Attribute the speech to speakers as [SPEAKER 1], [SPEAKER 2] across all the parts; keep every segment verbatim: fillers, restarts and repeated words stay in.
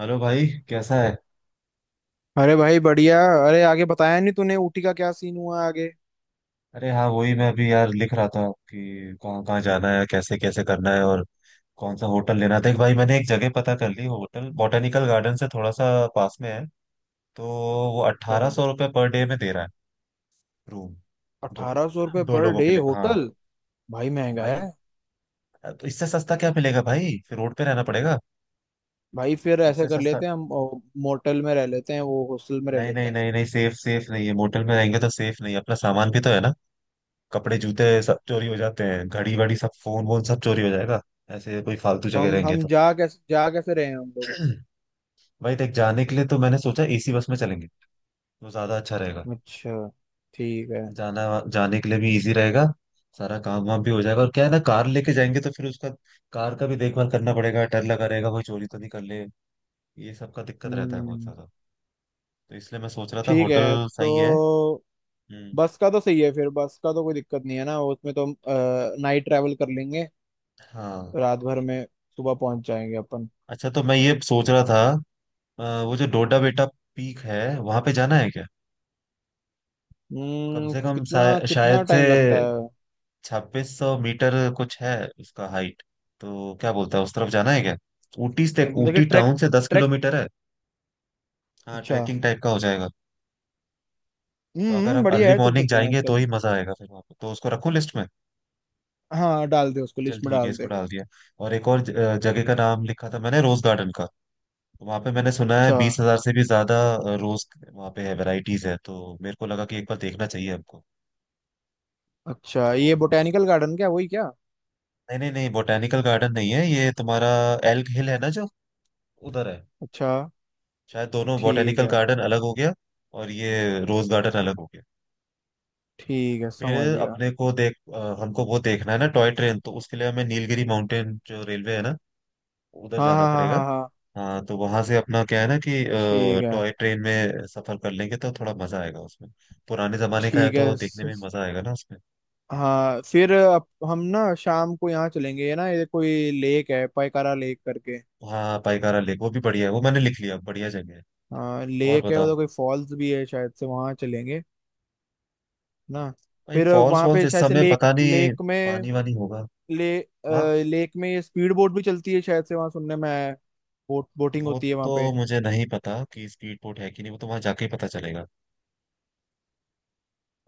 [SPEAKER 1] Hello भाई, कैसा है।
[SPEAKER 2] अरे भाई बढ़िया। अरे आगे बताया नहीं तूने ऊटी का क्या सीन हुआ आगे?
[SPEAKER 1] अरे हाँ, वही मैं अभी यार लिख रहा था कि कहाँ कहाँ जाना है, कैसे कैसे करना है। और कौन सा होटल लेना था। एक भाई, मैंने एक जगह पता कर ली, होटल बॉटेनिकल गार्डन से थोड़ा सा पास में है। तो वो
[SPEAKER 2] अच्छा,
[SPEAKER 1] अट्ठारह सौ रुपये पर डे में दे रहा है, रूम। दो
[SPEAKER 2] अठारह सौ रुपये
[SPEAKER 1] दो
[SPEAKER 2] पर
[SPEAKER 1] लोगों
[SPEAKER 2] डे
[SPEAKER 1] के लिए हाँ।
[SPEAKER 2] होटल? भाई महंगा है।
[SPEAKER 1] भाई तो इससे सस्ता क्या मिलेगा भाई, फिर रोड पे रहना पड़ेगा।
[SPEAKER 2] भाई फिर ऐसे
[SPEAKER 1] इससे
[SPEAKER 2] कर
[SPEAKER 1] सस्ता
[SPEAKER 2] लेते हैं हम ओ, मोटल में रह लेते हैं, वो हॉस्टल में रह
[SPEAKER 1] नहीं।
[SPEAKER 2] लेते
[SPEAKER 1] नहीं
[SPEAKER 2] हैं।
[SPEAKER 1] नहीं नहीं, सेफ सेफ नहीं है, मोटल में रहेंगे तो सेफ नहीं है, अपना सामान भी तो है ना। कपड़े जूते सब चोरी हो जाते हैं, घड़ी वड़ी सब, फोन वोन सब चोरी हो जाएगा, ऐसे कोई फालतू
[SPEAKER 2] तो
[SPEAKER 1] जगह
[SPEAKER 2] हम
[SPEAKER 1] रहेंगे
[SPEAKER 2] हम
[SPEAKER 1] तो।
[SPEAKER 2] जा कैसे जा कैसे रहे हैं हम लोग?
[SPEAKER 1] भाई देख, जाने के लिए तो मैंने सोचा एसी बस में चलेंगे, वो ज्यादा अच्छा रहेगा।
[SPEAKER 2] अच्छा, ठीक है।
[SPEAKER 1] जाना, जाने के लिए भी इजी रहेगा, सारा काम वाम भी हो जाएगा। और क्या है ना, कार लेके जाएंगे तो फिर उसका, कार का भी देखभाल करना पड़ेगा, डर लगा रहेगा कोई चोरी तो नहीं कर ले। ये सब का दिक्कत रहता है बहुत
[SPEAKER 2] हम्म
[SPEAKER 1] ज्यादा। तो इसलिए मैं सोच रहा था
[SPEAKER 2] ठीक
[SPEAKER 1] होटल
[SPEAKER 2] है तो।
[SPEAKER 1] सही है। हम्म।
[SPEAKER 2] बस का तो सही है फिर। बस का तो कोई दिक्कत नहीं है ना, उसमें तो हम नाइट ट्रैवल कर लेंगे।
[SPEAKER 1] हाँ।
[SPEAKER 2] रात भर में सुबह पहुंच जाएंगे अपन।
[SPEAKER 1] अच्छा तो मैं ये सोच रहा था, अ, वो जो डोडा बेटा पीक है वहां पे जाना है क्या? कम
[SPEAKER 2] हम्म
[SPEAKER 1] से कम
[SPEAKER 2] कितना
[SPEAKER 1] शाय-
[SPEAKER 2] कितना
[SPEAKER 1] शायद से
[SPEAKER 2] टाइम लगता है?
[SPEAKER 1] छब्बीस सौ मीटर कुछ है उसका हाइट। तो क्या बोलता है, उस तरफ जाना है क्या? ऊटी
[SPEAKER 2] अच्छा,
[SPEAKER 1] से,
[SPEAKER 2] मतलब कि
[SPEAKER 1] ऊटी
[SPEAKER 2] ट्रैक
[SPEAKER 1] टाउन से दस
[SPEAKER 2] ट्रैक
[SPEAKER 1] किलोमीटर है। हाँ
[SPEAKER 2] अच्छा।
[SPEAKER 1] ट्रैकिंग टाइप का हो जाएगा। तो अगर
[SPEAKER 2] हम्म
[SPEAKER 1] हम
[SPEAKER 2] बढ़िया
[SPEAKER 1] अर्ली
[SPEAKER 2] है, चल
[SPEAKER 1] मॉर्निंग
[SPEAKER 2] सकते हैं
[SPEAKER 1] जाएंगे तो
[SPEAKER 2] चल।
[SPEAKER 1] ही मजा आएगा फिर वहाँ पे, तो उसको रखूं लिस्ट में?
[SPEAKER 2] हाँ, डाल दे उसको,
[SPEAKER 1] चल
[SPEAKER 2] लिस्ट में
[SPEAKER 1] ठीक है,
[SPEAKER 2] डाल
[SPEAKER 1] इसको
[SPEAKER 2] दे।
[SPEAKER 1] डाल दिया। और एक और ज- अ, जगह का नाम लिखा था मैंने, रोज गार्डन का। वहाँ पे मैंने सुना है
[SPEAKER 2] अच्छा।
[SPEAKER 1] बीस हजार से भी ज्यादा अ, रोज वहाँ पे है, वेराइटीज है, तो मेरे को लगा कि एक बार देखना चाहिए हमको।
[SPEAKER 2] अच्छा,
[SPEAKER 1] क्या
[SPEAKER 2] ये
[SPEAKER 1] बोलते,
[SPEAKER 2] बोटेनिकल गार्डन क्या, वही क्या?
[SPEAKER 1] नहीं नहीं नहीं, बोटेनिकल गार्डन नहीं है ये तुम्हारा। एल्ग हिल है ना जो, उधर है।
[SPEAKER 2] अच्छा।
[SPEAKER 1] शायद दोनों,
[SPEAKER 2] ठीक
[SPEAKER 1] बॉटेनिकल
[SPEAKER 2] है।
[SPEAKER 1] गार्डन अलग हो गया और ये रोज गार्डन अलग हो गया।
[SPEAKER 2] ठीक है, समझ
[SPEAKER 1] फिर
[SPEAKER 2] गया।
[SPEAKER 1] अपने को देख, अ, हमको वो देखना है ना टॉय ट्रेन, तो उसके लिए हमें नीलगिरी माउंटेन जो रेलवे है ना, उधर
[SPEAKER 2] हाँ,
[SPEAKER 1] जाना
[SPEAKER 2] हाँ, हाँ,
[SPEAKER 1] पड़ेगा।
[SPEAKER 2] हाँ, हाँ।
[SPEAKER 1] हाँ तो वहां से अपना क्या है ना कि
[SPEAKER 2] ठीक है।
[SPEAKER 1] टॉय ट्रेन में सफर कर लेंगे तो थोड़ा मजा आएगा उसमें। पुराने जमाने का है
[SPEAKER 2] ठीक
[SPEAKER 1] तो
[SPEAKER 2] है।
[SPEAKER 1] देखने में
[SPEAKER 2] स-
[SPEAKER 1] मजा आएगा ना उसमें।
[SPEAKER 2] हाँ फिर अप- हम ना शाम को यहाँ चलेंगे, ये ना ये कोई लेक है पायकारा लेक करके।
[SPEAKER 1] हाँ पाइकारा लेक, वो भी बढ़िया है, वो मैंने लिख लिया, बढ़िया जगह है।
[SPEAKER 2] हाँ,
[SPEAKER 1] और
[SPEAKER 2] लेक है
[SPEAKER 1] बताओ।
[SPEAKER 2] उधर, कोई फॉल्स भी है शायद से, वहाँ चलेंगे ना।
[SPEAKER 1] भाई
[SPEAKER 2] फिर
[SPEAKER 1] फॉल्स
[SPEAKER 2] वहाँ
[SPEAKER 1] वॉल्स
[SPEAKER 2] पे
[SPEAKER 1] इस
[SPEAKER 2] शायद से
[SPEAKER 1] समय
[SPEAKER 2] लेक
[SPEAKER 1] पता नहीं
[SPEAKER 2] लेक में।
[SPEAKER 1] पानी वानी होगा
[SPEAKER 2] ले अ,
[SPEAKER 1] वहाँ।
[SPEAKER 2] लेक में स्पीड बोट भी चलती है शायद से, वहां सुनने में आया है। बोट बोटिंग
[SPEAKER 1] वो
[SPEAKER 2] होती है वहां
[SPEAKER 1] तो
[SPEAKER 2] पे।
[SPEAKER 1] मुझे नहीं पता कि स्पीड बोट है कि नहीं, वो तो वहां जाके ही पता चलेगा।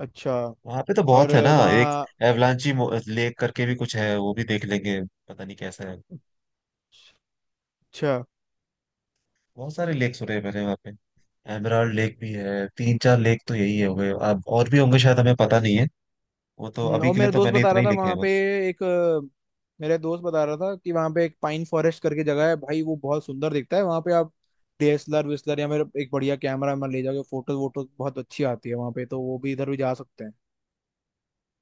[SPEAKER 2] अच्छा।
[SPEAKER 1] वहां पे तो
[SPEAKER 2] और
[SPEAKER 1] बहुत है ना। एक
[SPEAKER 2] वहाँ।
[SPEAKER 1] एवलांची लेक करके भी कुछ है, वो भी देख लेंगे, पता नहीं कैसा है।
[SPEAKER 2] अच्छा।
[SPEAKER 1] बहुत सारे लेक सुने हैं मैंने वहाँ पे। एमराल्ड लेक भी है, तीन चार लेक तो यही है हुए, अब और भी होंगे शायद, हमें पता नहीं है। वो तो
[SPEAKER 2] हम्म,
[SPEAKER 1] अभी
[SPEAKER 2] और
[SPEAKER 1] के लिए
[SPEAKER 2] मेरा
[SPEAKER 1] तो
[SPEAKER 2] दोस्त
[SPEAKER 1] मैंने
[SPEAKER 2] बता
[SPEAKER 1] इतने
[SPEAKER 2] रहा
[SPEAKER 1] ही
[SPEAKER 2] था
[SPEAKER 1] लिखे हैं
[SPEAKER 2] वहाँ पे
[SPEAKER 1] बस।
[SPEAKER 2] एक अ, मेरा दोस्त बता रहा था कि वहाँ पे एक पाइन फॉरेस्ट करके जगह है भाई, वो बहुत सुंदर दिखता है। वहाँ पे आप D S L R whistler या मेरे एक बढ़िया कैमरा में ले जाके फोटो वोटो बहुत अच्छी आती है वहाँ पे, तो वो भी इधर भी जा सकते हैं।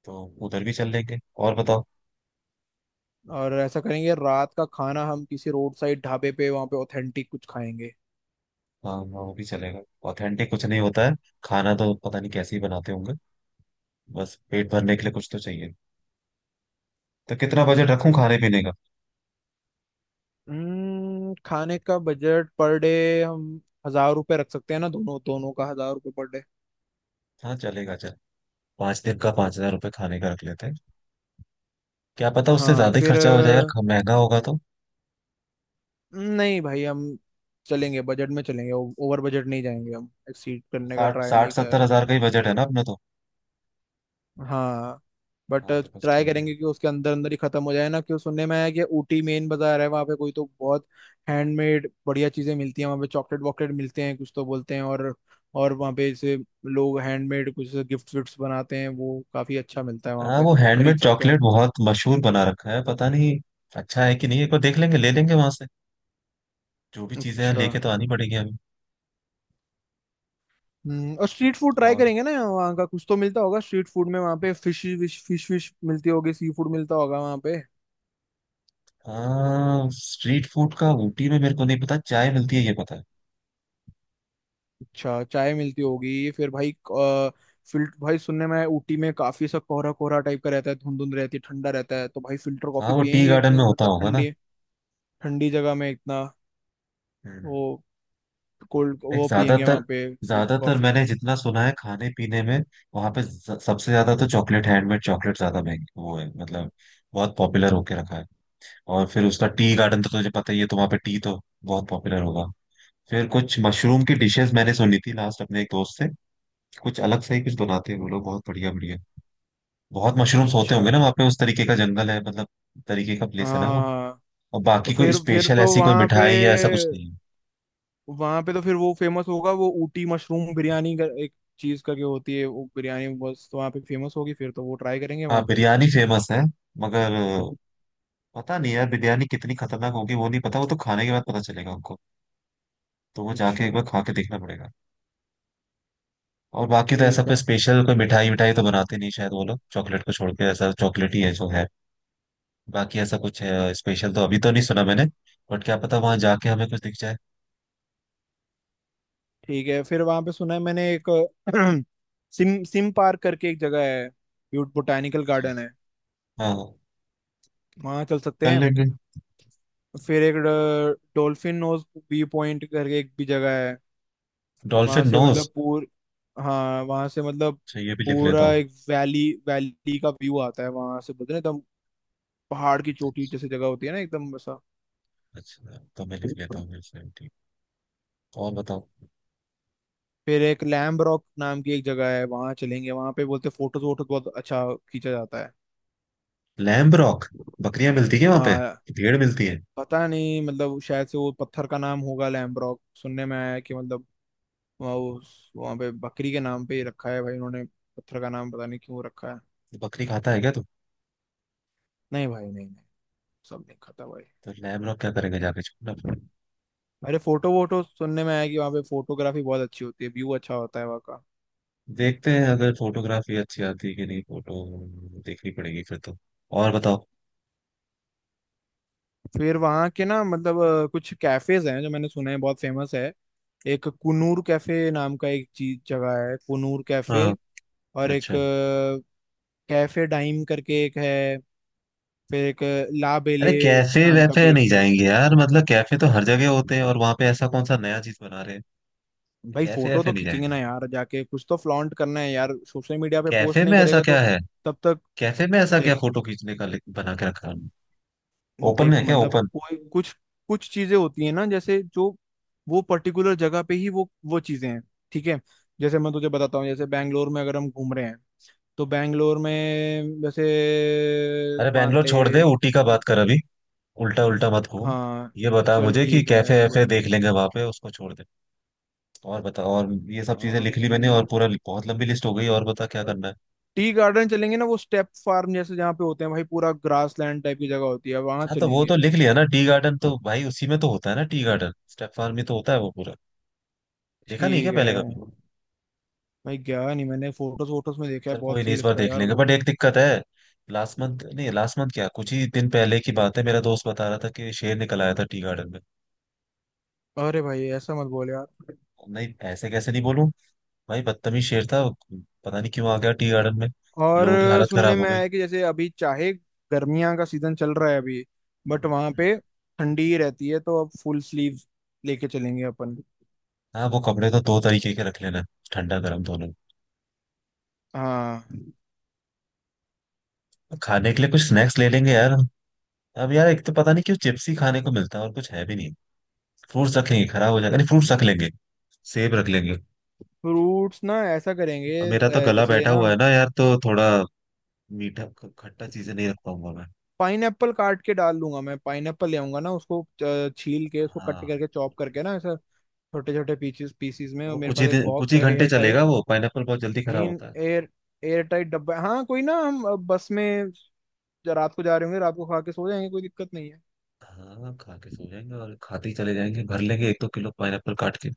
[SPEAKER 1] तो उधर भी चल लेंगे। और बताओ।
[SPEAKER 2] और ऐसा करेंगे, रात का खाना हम किसी रोड साइड ढाबे पे वहाँ पे ऑथेंटिक कुछ खाएंगे।
[SPEAKER 1] हाँ हाँ, वो भी चलेगा। ऑथेंटिक कुछ नहीं होता है, खाना तो पता नहीं कैसे ही बनाते होंगे। बस पेट भरने के लिए कुछ तो चाहिए। तो कितना बजट
[SPEAKER 2] हम्म।
[SPEAKER 1] रखूं खाने पीने का?
[SPEAKER 2] हम्म, खाने का बजट पर डे। हम हजार रुपए रख सकते हैं ना, दोनों दोनों का हजार रुपए पर डे।
[SPEAKER 1] हाँ चलेगा चल। पांच दिन का पांच हजार रुपये खाने का रख लेते हैं। क्या पता उससे
[SPEAKER 2] हाँ
[SPEAKER 1] ज्यादा ही
[SPEAKER 2] फिर
[SPEAKER 1] खर्चा हो जाए यार,
[SPEAKER 2] अ,
[SPEAKER 1] ख- महंगा होगा तो।
[SPEAKER 2] नहीं भाई, हम चलेंगे बजट में चलेंगे, ओवर बजट नहीं जाएंगे, हम एक्सीड करने का
[SPEAKER 1] साठ
[SPEAKER 2] ट्राई नहीं
[SPEAKER 1] साठ सत्तर हजार
[SPEAKER 2] कर।
[SPEAKER 1] का ही बजट है ना अपना तो।
[SPEAKER 2] हाँ बट
[SPEAKER 1] हाँ तो बस
[SPEAKER 2] ट्राई
[SPEAKER 1] ठीक है।
[SPEAKER 2] करेंगे कि उसके अंदर अंदर ही खत्म हो जाए ना, क्यों सुनने में आया कि ऊटी मेन बाजार है वहाँ पे, कोई तो बहुत हैंडमेड बढ़िया चीजें मिलती हैं वहाँ पे, चॉकलेट वॉकलेट मिलते हैं कुछ, तो बोलते हैं। और और वहाँ पे जैसे लोग हैंडमेड कुछ गिफ्ट विफ्ट बनाते हैं, वो काफी अच्छा मिलता है वहाँ
[SPEAKER 1] हाँ
[SPEAKER 2] पे,
[SPEAKER 1] वो
[SPEAKER 2] तो वो खरीद
[SPEAKER 1] हैंडमेड
[SPEAKER 2] सकते
[SPEAKER 1] चॉकलेट
[SPEAKER 2] हैं।
[SPEAKER 1] बहुत मशहूर बना रखा है, पता नहीं अच्छा है कि नहीं, एक बार देख लेंगे, ले लेंगे वहां से जो भी चीजें हैं,
[SPEAKER 2] अच्छा।
[SPEAKER 1] लेके तो आनी पड़ेगी हमें।
[SPEAKER 2] हम्म और स्ट्रीट फूड ट्राई
[SPEAKER 1] और
[SPEAKER 2] करेंगे ना वहाँ का, कुछ तो मिलता होगा स्ट्रीट फूड में वहाँ पे, फिश विश फिश विश मिलती होगी, सी फूड मिलता होगा वहाँ पे।
[SPEAKER 1] हाँ, स्ट्रीट फूड का ऊटी में मेरे को नहीं पता, चाय मिलती है ये पता है।
[SPEAKER 2] अच्छा, चाय मिलती होगी फिर भाई अ, फिल्ट भाई सुनने में आया, ऊटी में काफी सा कोहरा कोहरा टाइप का रहता है, धुंध धुंध रहती है, ठंडा रहता है, तो भाई फिल्टर
[SPEAKER 1] हाँ
[SPEAKER 2] कॉफी
[SPEAKER 1] वो टी
[SPEAKER 2] पियेंगे
[SPEAKER 1] गार्डन
[SPEAKER 2] इतनी
[SPEAKER 1] में होता
[SPEAKER 2] मतलब
[SPEAKER 1] होगा ना।
[SPEAKER 2] ठंडी। ठंडी जगह में इतना।
[SPEAKER 1] हम्म।
[SPEAKER 2] वो कोल्ड
[SPEAKER 1] एक
[SPEAKER 2] वो पियेंगे
[SPEAKER 1] ज्यादातर,
[SPEAKER 2] वहां पे फिल्टर
[SPEAKER 1] ज्यादातर
[SPEAKER 2] कॉफी।
[SPEAKER 1] मैंने जितना सुना है खाने पीने में, वहां पे ज- सबसे ज्यादा तो चॉकलेट, हैंडमेड चॉकलेट ज्यादा महंगी वो है मतलब, बहुत पॉपुलर होके रखा है। और फिर उसका टी गार्डन तो तुझे पता ही है, तो वहां पे टी तो बहुत पॉपुलर होगा। फिर कुछ मशरूम की डिशेस मैंने सुनी थी लास्ट, अपने एक दोस्त से, कुछ अलग से ही कुछ बनाते हैं वो लोग, बहुत बढ़िया बढ़िया। बहुत मशरूम्स होते
[SPEAKER 2] अच्छा।
[SPEAKER 1] होंगे ना वहाँ पे, उस तरीके का जंगल है मतलब, तरीके का
[SPEAKER 2] हाँ,
[SPEAKER 1] प्लेस है ना वो।
[SPEAKER 2] हाँ, हाँ।
[SPEAKER 1] और
[SPEAKER 2] तो
[SPEAKER 1] बाकी कोई
[SPEAKER 2] फिर फिर
[SPEAKER 1] स्पेशल
[SPEAKER 2] तो
[SPEAKER 1] ऐसी कोई
[SPEAKER 2] वहां पे
[SPEAKER 1] मिठाई या ऐसा कुछ नहीं है।
[SPEAKER 2] वहां पे तो फिर वो फेमस होगा, वो ऊटी मशरूम बिरयानी का एक चीज करके होती है वो बिरयानी बस, तो वहां पे फेमस होगी फिर तो वो ट्राई करेंगे वहां
[SPEAKER 1] हाँ
[SPEAKER 2] पे।
[SPEAKER 1] बिरयानी फेमस है, मगर पता नहीं यार बिरयानी कितनी खतरनाक होगी वो नहीं पता, वो तो खाने के बाद पता चलेगा उनको। तो वो जाके एक
[SPEAKER 2] अच्छा।
[SPEAKER 1] बार खा के देखना पड़ेगा। और बाकी तो ऐसा
[SPEAKER 2] ठीक
[SPEAKER 1] कोई
[SPEAKER 2] है।
[SPEAKER 1] स्पेशल कोई मिठाई, मिठाई तो बनाते नहीं शायद वो लोग, चॉकलेट को छोड़ के, ऐसा चॉकलेट ही है जो है। बाकी ऐसा कुछ स्पेशल तो अभी तो नहीं सुना मैंने, बट क्या पता वहां जाके हमें कुछ दिख जाए।
[SPEAKER 2] ठीक है, फिर वहां पे सुना है मैंने एक सिम सिम पार्क करके एक जगह है, ब्यूट बोटानिकल
[SPEAKER 1] अच्छा।
[SPEAKER 2] गार्डन है।
[SPEAKER 1] हाँ हाँ,
[SPEAKER 2] वहां चल सकते
[SPEAKER 1] कर
[SPEAKER 2] हैं।
[SPEAKER 1] लेंगे।
[SPEAKER 2] फिर एक डॉल्फिन नोज व्यू पॉइंट करके एक भी जगह है। वहां
[SPEAKER 1] डॉल्फिन
[SPEAKER 2] से
[SPEAKER 1] नोज।
[SPEAKER 2] मतलब पूर हाँ, वहां से मतलब
[SPEAKER 1] अच्छा ये भी लिख लेता
[SPEAKER 2] पूरा
[SPEAKER 1] हूँ।
[SPEAKER 2] एक वैली वैली का व्यू आता है वहां से, बोलते हैं ना एकदम, पहाड़ की चोटी जैसी जगह होती है ना एकदम वैसा।
[SPEAKER 1] अच्छा तो मैं लिख लेता हूँ इसमें, ठीक। और बताओ।
[SPEAKER 2] फिर एक लैम्ब रॉक नाम की एक जगह है, वहां चलेंगे, वहां पे बोलते फोटोज वोटोज बहुत अच्छा खींचा जाता है।
[SPEAKER 1] Lamb Rock. बकरियां मिलती है वहां पे
[SPEAKER 2] हाँ,
[SPEAKER 1] कि भेड़ मिलती है?
[SPEAKER 2] पता नहीं मतलब, शायद से वो पत्थर का नाम होगा लैम्ब्रोक सुनने में आया है कि मतलब, वहाँ उस वहाँ पे बकरी के नाम पे ही रखा है भाई उन्होंने, पत्थर का नाम पता नहीं क्यों रखा है।
[SPEAKER 1] बकरी खाता है क्या तू?
[SPEAKER 2] नहीं भाई, नहीं, नहीं। सब नहीं खाता भाई।
[SPEAKER 1] तो लैम्ब रॉक क्या करेंगे जाके?
[SPEAKER 2] अरे, फोटो वोटो सुनने में आया कि वहाँ पे फोटोग्राफी बहुत अच्छी होती है, व्यू अच्छा होता है वहाँ का।
[SPEAKER 1] देखते हैं, अगर फोटोग्राफी अच्छी आती है कि नहीं, फोटो देखनी पड़ेगी फिर तो। और बताओ।
[SPEAKER 2] फिर वहाँ के ना मतलब अ, कुछ कैफेज हैं जो मैंने सुना है बहुत फेमस है। एक कुनूर कैफे नाम का एक चीज जगह है, कुनूर कैफे।
[SPEAKER 1] हाँ।
[SPEAKER 2] और एक
[SPEAKER 1] अच्छा।
[SPEAKER 2] अ, कैफे डाइम करके एक है। फिर एक ला
[SPEAKER 1] अरे
[SPEAKER 2] बेले
[SPEAKER 1] कैफे
[SPEAKER 2] नाम का
[SPEAKER 1] वैफे
[SPEAKER 2] भी एक
[SPEAKER 1] नहीं
[SPEAKER 2] कैफे।
[SPEAKER 1] जाएंगे यार, मतलब कैफे तो हर जगह होते हैं, और वहां पे ऐसा कौन सा नया चीज बना रहे हैं।
[SPEAKER 2] भाई,
[SPEAKER 1] कैफे
[SPEAKER 2] फोटो
[SPEAKER 1] वैफे
[SPEAKER 2] तो
[SPEAKER 1] नहीं
[SPEAKER 2] खींचेंगे ना
[SPEAKER 1] जाएंगे।
[SPEAKER 2] यार, जाके कुछ तो फ्लॉन्ट करना है यार, सोशल मीडिया पे
[SPEAKER 1] कैफे
[SPEAKER 2] पोस्ट नहीं
[SPEAKER 1] में ऐसा
[SPEAKER 2] करेगा
[SPEAKER 1] क्या
[SPEAKER 2] तो।
[SPEAKER 1] है?
[SPEAKER 2] तब तक
[SPEAKER 1] कैफे में ऐसा क्या
[SPEAKER 2] देख
[SPEAKER 1] फोटो खींचने का लिंक बना के रखा है? ओपन
[SPEAKER 2] देख
[SPEAKER 1] है क्या
[SPEAKER 2] मतलब
[SPEAKER 1] ओपन?
[SPEAKER 2] कोई कुछ, कुछ चीजें होती है ना, जैसे जो वो पर्टिकुलर जगह पे ही वो वो चीजें हैं। ठीक है। जैसे मैं तुझे बताता हूँ, जैसे बैंगलोर में अगर हम घूम रहे हैं, तो बैंगलोर में जैसे
[SPEAKER 1] अरे
[SPEAKER 2] मान
[SPEAKER 1] बैंगलोर
[SPEAKER 2] ले।
[SPEAKER 1] छोड़ दे, ऊटी का बात कर अभी। उल्टा उल्टा मत घूम।
[SPEAKER 2] हाँ
[SPEAKER 1] ये बता
[SPEAKER 2] चल,
[SPEAKER 1] मुझे कि
[SPEAKER 2] ठीक है
[SPEAKER 1] कैफे वैफे
[SPEAKER 2] वही।
[SPEAKER 1] देख लेंगे वहां पे, उसको छोड़ दे। और बता, और ये सब चीजें लिख ली मैंने, और
[SPEAKER 2] हाँ,
[SPEAKER 1] पूरा बहुत लंबी लिस्ट हो गई, और बता क्या करना है।
[SPEAKER 2] टी गार्डन चलेंगे ना, वो स्टेप फार्म जैसे जहाँ पे होते हैं भाई, पूरा ग्रास लैंड टाइप की जगह होती है, वहां
[SPEAKER 1] हाँ तो वो तो
[SPEAKER 2] चलेंगे।
[SPEAKER 1] लिख लिया ना टी गार्डन, तो भाई उसी में तो होता है ना टी गार्डन, स्टेप फार्म में तो होता है वो पूरा, देखा नहीं क्या
[SPEAKER 2] ठीक है।
[SPEAKER 1] पहले कभी?
[SPEAKER 2] भाई गया नहीं, मैंने फोटोज वोटोज में देखा है,
[SPEAKER 1] चल कोई
[SPEAKER 2] बहुत
[SPEAKER 1] नहीं,
[SPEAKER 2] सही
[SPEAKER 1] इस बार
[SPEAKER 2] लगता है
[SPEAKER 1] देख
[SPEAKER 2] यार
[SPEAKER 1] लेंगे,
[SPEAKER 2] वो।
[SPEAKER 1] बट एक दिक्कत है। लास्ट मंथ नहीं, लास्ट मंथ क्या, कुछ ही दिन पहले की बात है, मेरा दोस्त बता रहा था कि शेर निकल आया था टी गार्डन में।
[SPEAKER 2] अरे भाई, ऐसा मत बोल यार।
[SPEAKER 1] नहीं ऐसे कैसे नहीं बोलूं, भाई बदतमीज शेर था, पता नहीं क्यों आ गया टी गार्डन में,
[SPEAKER 2] और
[SPEAKER 1] लोगों की हालत
[SPEAKER 2] सुनने
[SPEAKER 1] खराब हो
[SPEAKER 2] में आया
[SPEAKER 1] गई।
[SPEAKER 2] है कि, जैसे अभी चाहे गर्मियां का सीजन चल रहा है अभी, बट वहां
[SPEAKER 1] हम्म।
[SPEAKER 2] पे ठंडी ही रहती है, तो अब फुल स्लीव लेके चलेंगे अपन।
[SPEAKER 1] हाँ वो कपड़े तो दो तरीके के रख लेना, ठंडा गर्म दोनों।
[SPEAKER 2] हाँ।
[SPEAKER 1] खाने के लिए कुछ स्नैक्स ले लेंगे यार, अब यार एक तो पता नहीं क्यों चिप्स ही खाने को मिलता है और कुछ है भी नहीं। फ्रूट्स रख लेंगे, खराब हो जाएगा, नहीं फ्रूट्स रख लेंगे, सेब रख लेंगे।
[SPEAKER 2] फ्रूट्स ना ऐसा करेंगे,
[SPEAKER 1] अब मेरा तो
[SPEAKER 2] अ,
[SPEAKER 1] गला
[SPEAKER 2] जैसे
[SPEAKER 1] बैठा
[SPEAKER 2] ना,
[SPEAKER 1] हुआ है ना यार, तो थोड़ा मीठा ख- खट्टा चीजें नहीं रख पाऊंगा मैं।
[SPEAKER 2] पाइनएप्पल काट के डाल लूंगा मैं, पाइनएप्पल ले आऊंगा ना उसको, अ, छील के, उसको कट
[SPEAKER 1] हाँ
[SPEAKER 2] करके चॉप करके ना ऐसा छोटे छोटे पीसेस पीसीस में,
[SPEAKER 1] तो
[SPEAKER 2] और
[SPEAKER 1] वो
[SPEAKER 2] मेरे
[SPEAKER 1] कुछ ही
[SPEAKER 2] पास एक
[SPEAKER 1] दिन, कुछ
[SPEAKER 2] बॉक्स
[SPEAKER 1] ही
[SPEAKER 2] है
[SPEAKER 1] घंटे
[SPEAKER 2] एयर टाइट।
[SPEAKER 1] चलेगा वो पाइनएप्पल, बहुत जल्दी खराब
[SPEAKER 2] नहीं,
[SPEAKER 1] होता है।
[SPEAKER 2] एयर एयर टाइट डब्बा, हाँ कोई ना, हम अ, बस में ज- रात को जा रहे होंगे, रात को खा के सो जाएंगे, कोई दिक्कत नहीं है।
[SPEAKER 1] हाँ खा के सो जाएंगे, और खाते ही चले जाएंगे, भर लेंगे एक दो किलो पाइनएप्पल काट के।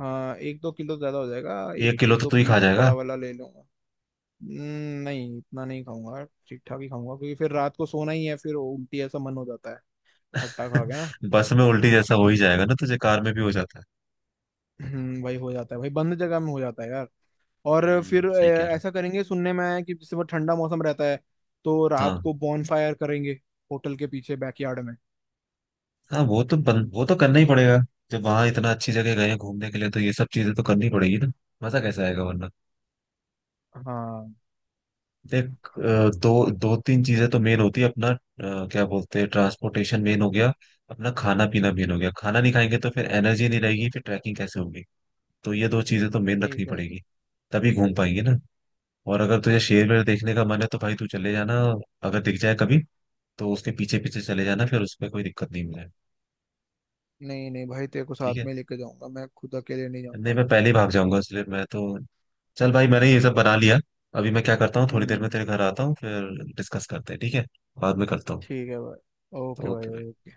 [SPEAKER 2] हाँ, एक दो किलो ज्यादा हो जाएगा। एक
[SPEAKER 1] एक किलो
[SPEAKER 2] एक
[SPEAKER 1] तो
[SPEAKER 2] दो
[SPEAKER 1] तू ही खा
[SPEAKER 2] पीस
[SPEAKER 1] जाएगा।
[SPEAKER 2] बड़ा वाला ले लूंगा। हम्म, नहीं इतना नहीं खाऊंगा, ठीक ठाक ही खाऊंगा, क्योंकि फिर रात को सोना ही है, फिर उल्टी ऐसा मन हो जाता है खट्टा खा के ना।
[SPEAKER 1] बस में उल्टी जैसा हो ही जाएगा ना, तुझे कार में भी हो जाता है।
[SPEAKER 2] हम्म, वही हो जाता है भाई, बंद जगह में हो जाता है यार। और
[SPEAKER 1] हम्म,
[SPEAKER 2] फिर अ,
[SPEAKER 1] सही कह
[SPEAKER 2] ऐसा करेंगे, सुनने में आया है कि जैसे वो ठंडा मौसम रहता है, तो
[SPEAKER 1] रहा
[SPEAKER 2] रात
[SPEAKER 1] है।
[SPEAKER 2] को बॉनफायर करेंगे होटल के पीछे बैकयार्ड में।
[SPEAKER 1] हाँ वो तो बन, वो तो करना ही पड़ेगा, जब वहां इतना अच्छी जगह गए हैं घूमने के लिए तो ये सब चीजें तो करनी पड़ेगी ना, मजा कैसे आएगा वरना।
[SPEAKER 2] हाँ।
[SPEAKER 1] देख, अ, दो दो तीन चीजें तो मेन होती है अपना, अ, क्या बोलते हैं, ट्रांसपोर्टेशन मेन हो गया, अपना खाना पीना मेन हो गया, खाना नहीं खाएंगे तो फिर एनर्जी नहीं रहेगी, फिर ट्रैकिंग कैसे होगी। तो ये दो चीजें तो मेन रखनी
[SPEAKER 2] ठीक है।
[SPEAKER 1] पड़ेगी, तभी घूम पाएंगे ना। और अगर तुझे शेर वेर देखने का मन है तो भाई तू चले जाना, अगर दिख जाए कभी तो उसके पीछे पीछे चले जाना, फिर उसमें कोई दिक्कत नहीं, मिला है,
[SPEAKER 2] नहीं नहीं भाई, तेरे को साथ
[SPEAKER 1] ठीक है।
[SPEAKER 2] में लेके जाऊंगा, मैं खुद अकेले नहीं
[SPEAKER 1] नहीं
[SPEAKER 2] जाऊंगा।
[SPEAKER 1] मैं पहले ही भाग जाऊंगा इसलिए मैं तो। चल भाई मैंने ये सब बना लिया, अभी मैं क्या करता हूँ थोड़ी देर में
[SPEAKER 2] हम्म,
[SPEAKER 1] तेरे घर आता हूँ, फिर डिस्कस करते हैं ठीक है, बाद में करता हूँ।
[SPEAKER 2] ठीक है भाई, ओके
[SPEAKER 1] ओके।
[SPEAKER 2] भाई।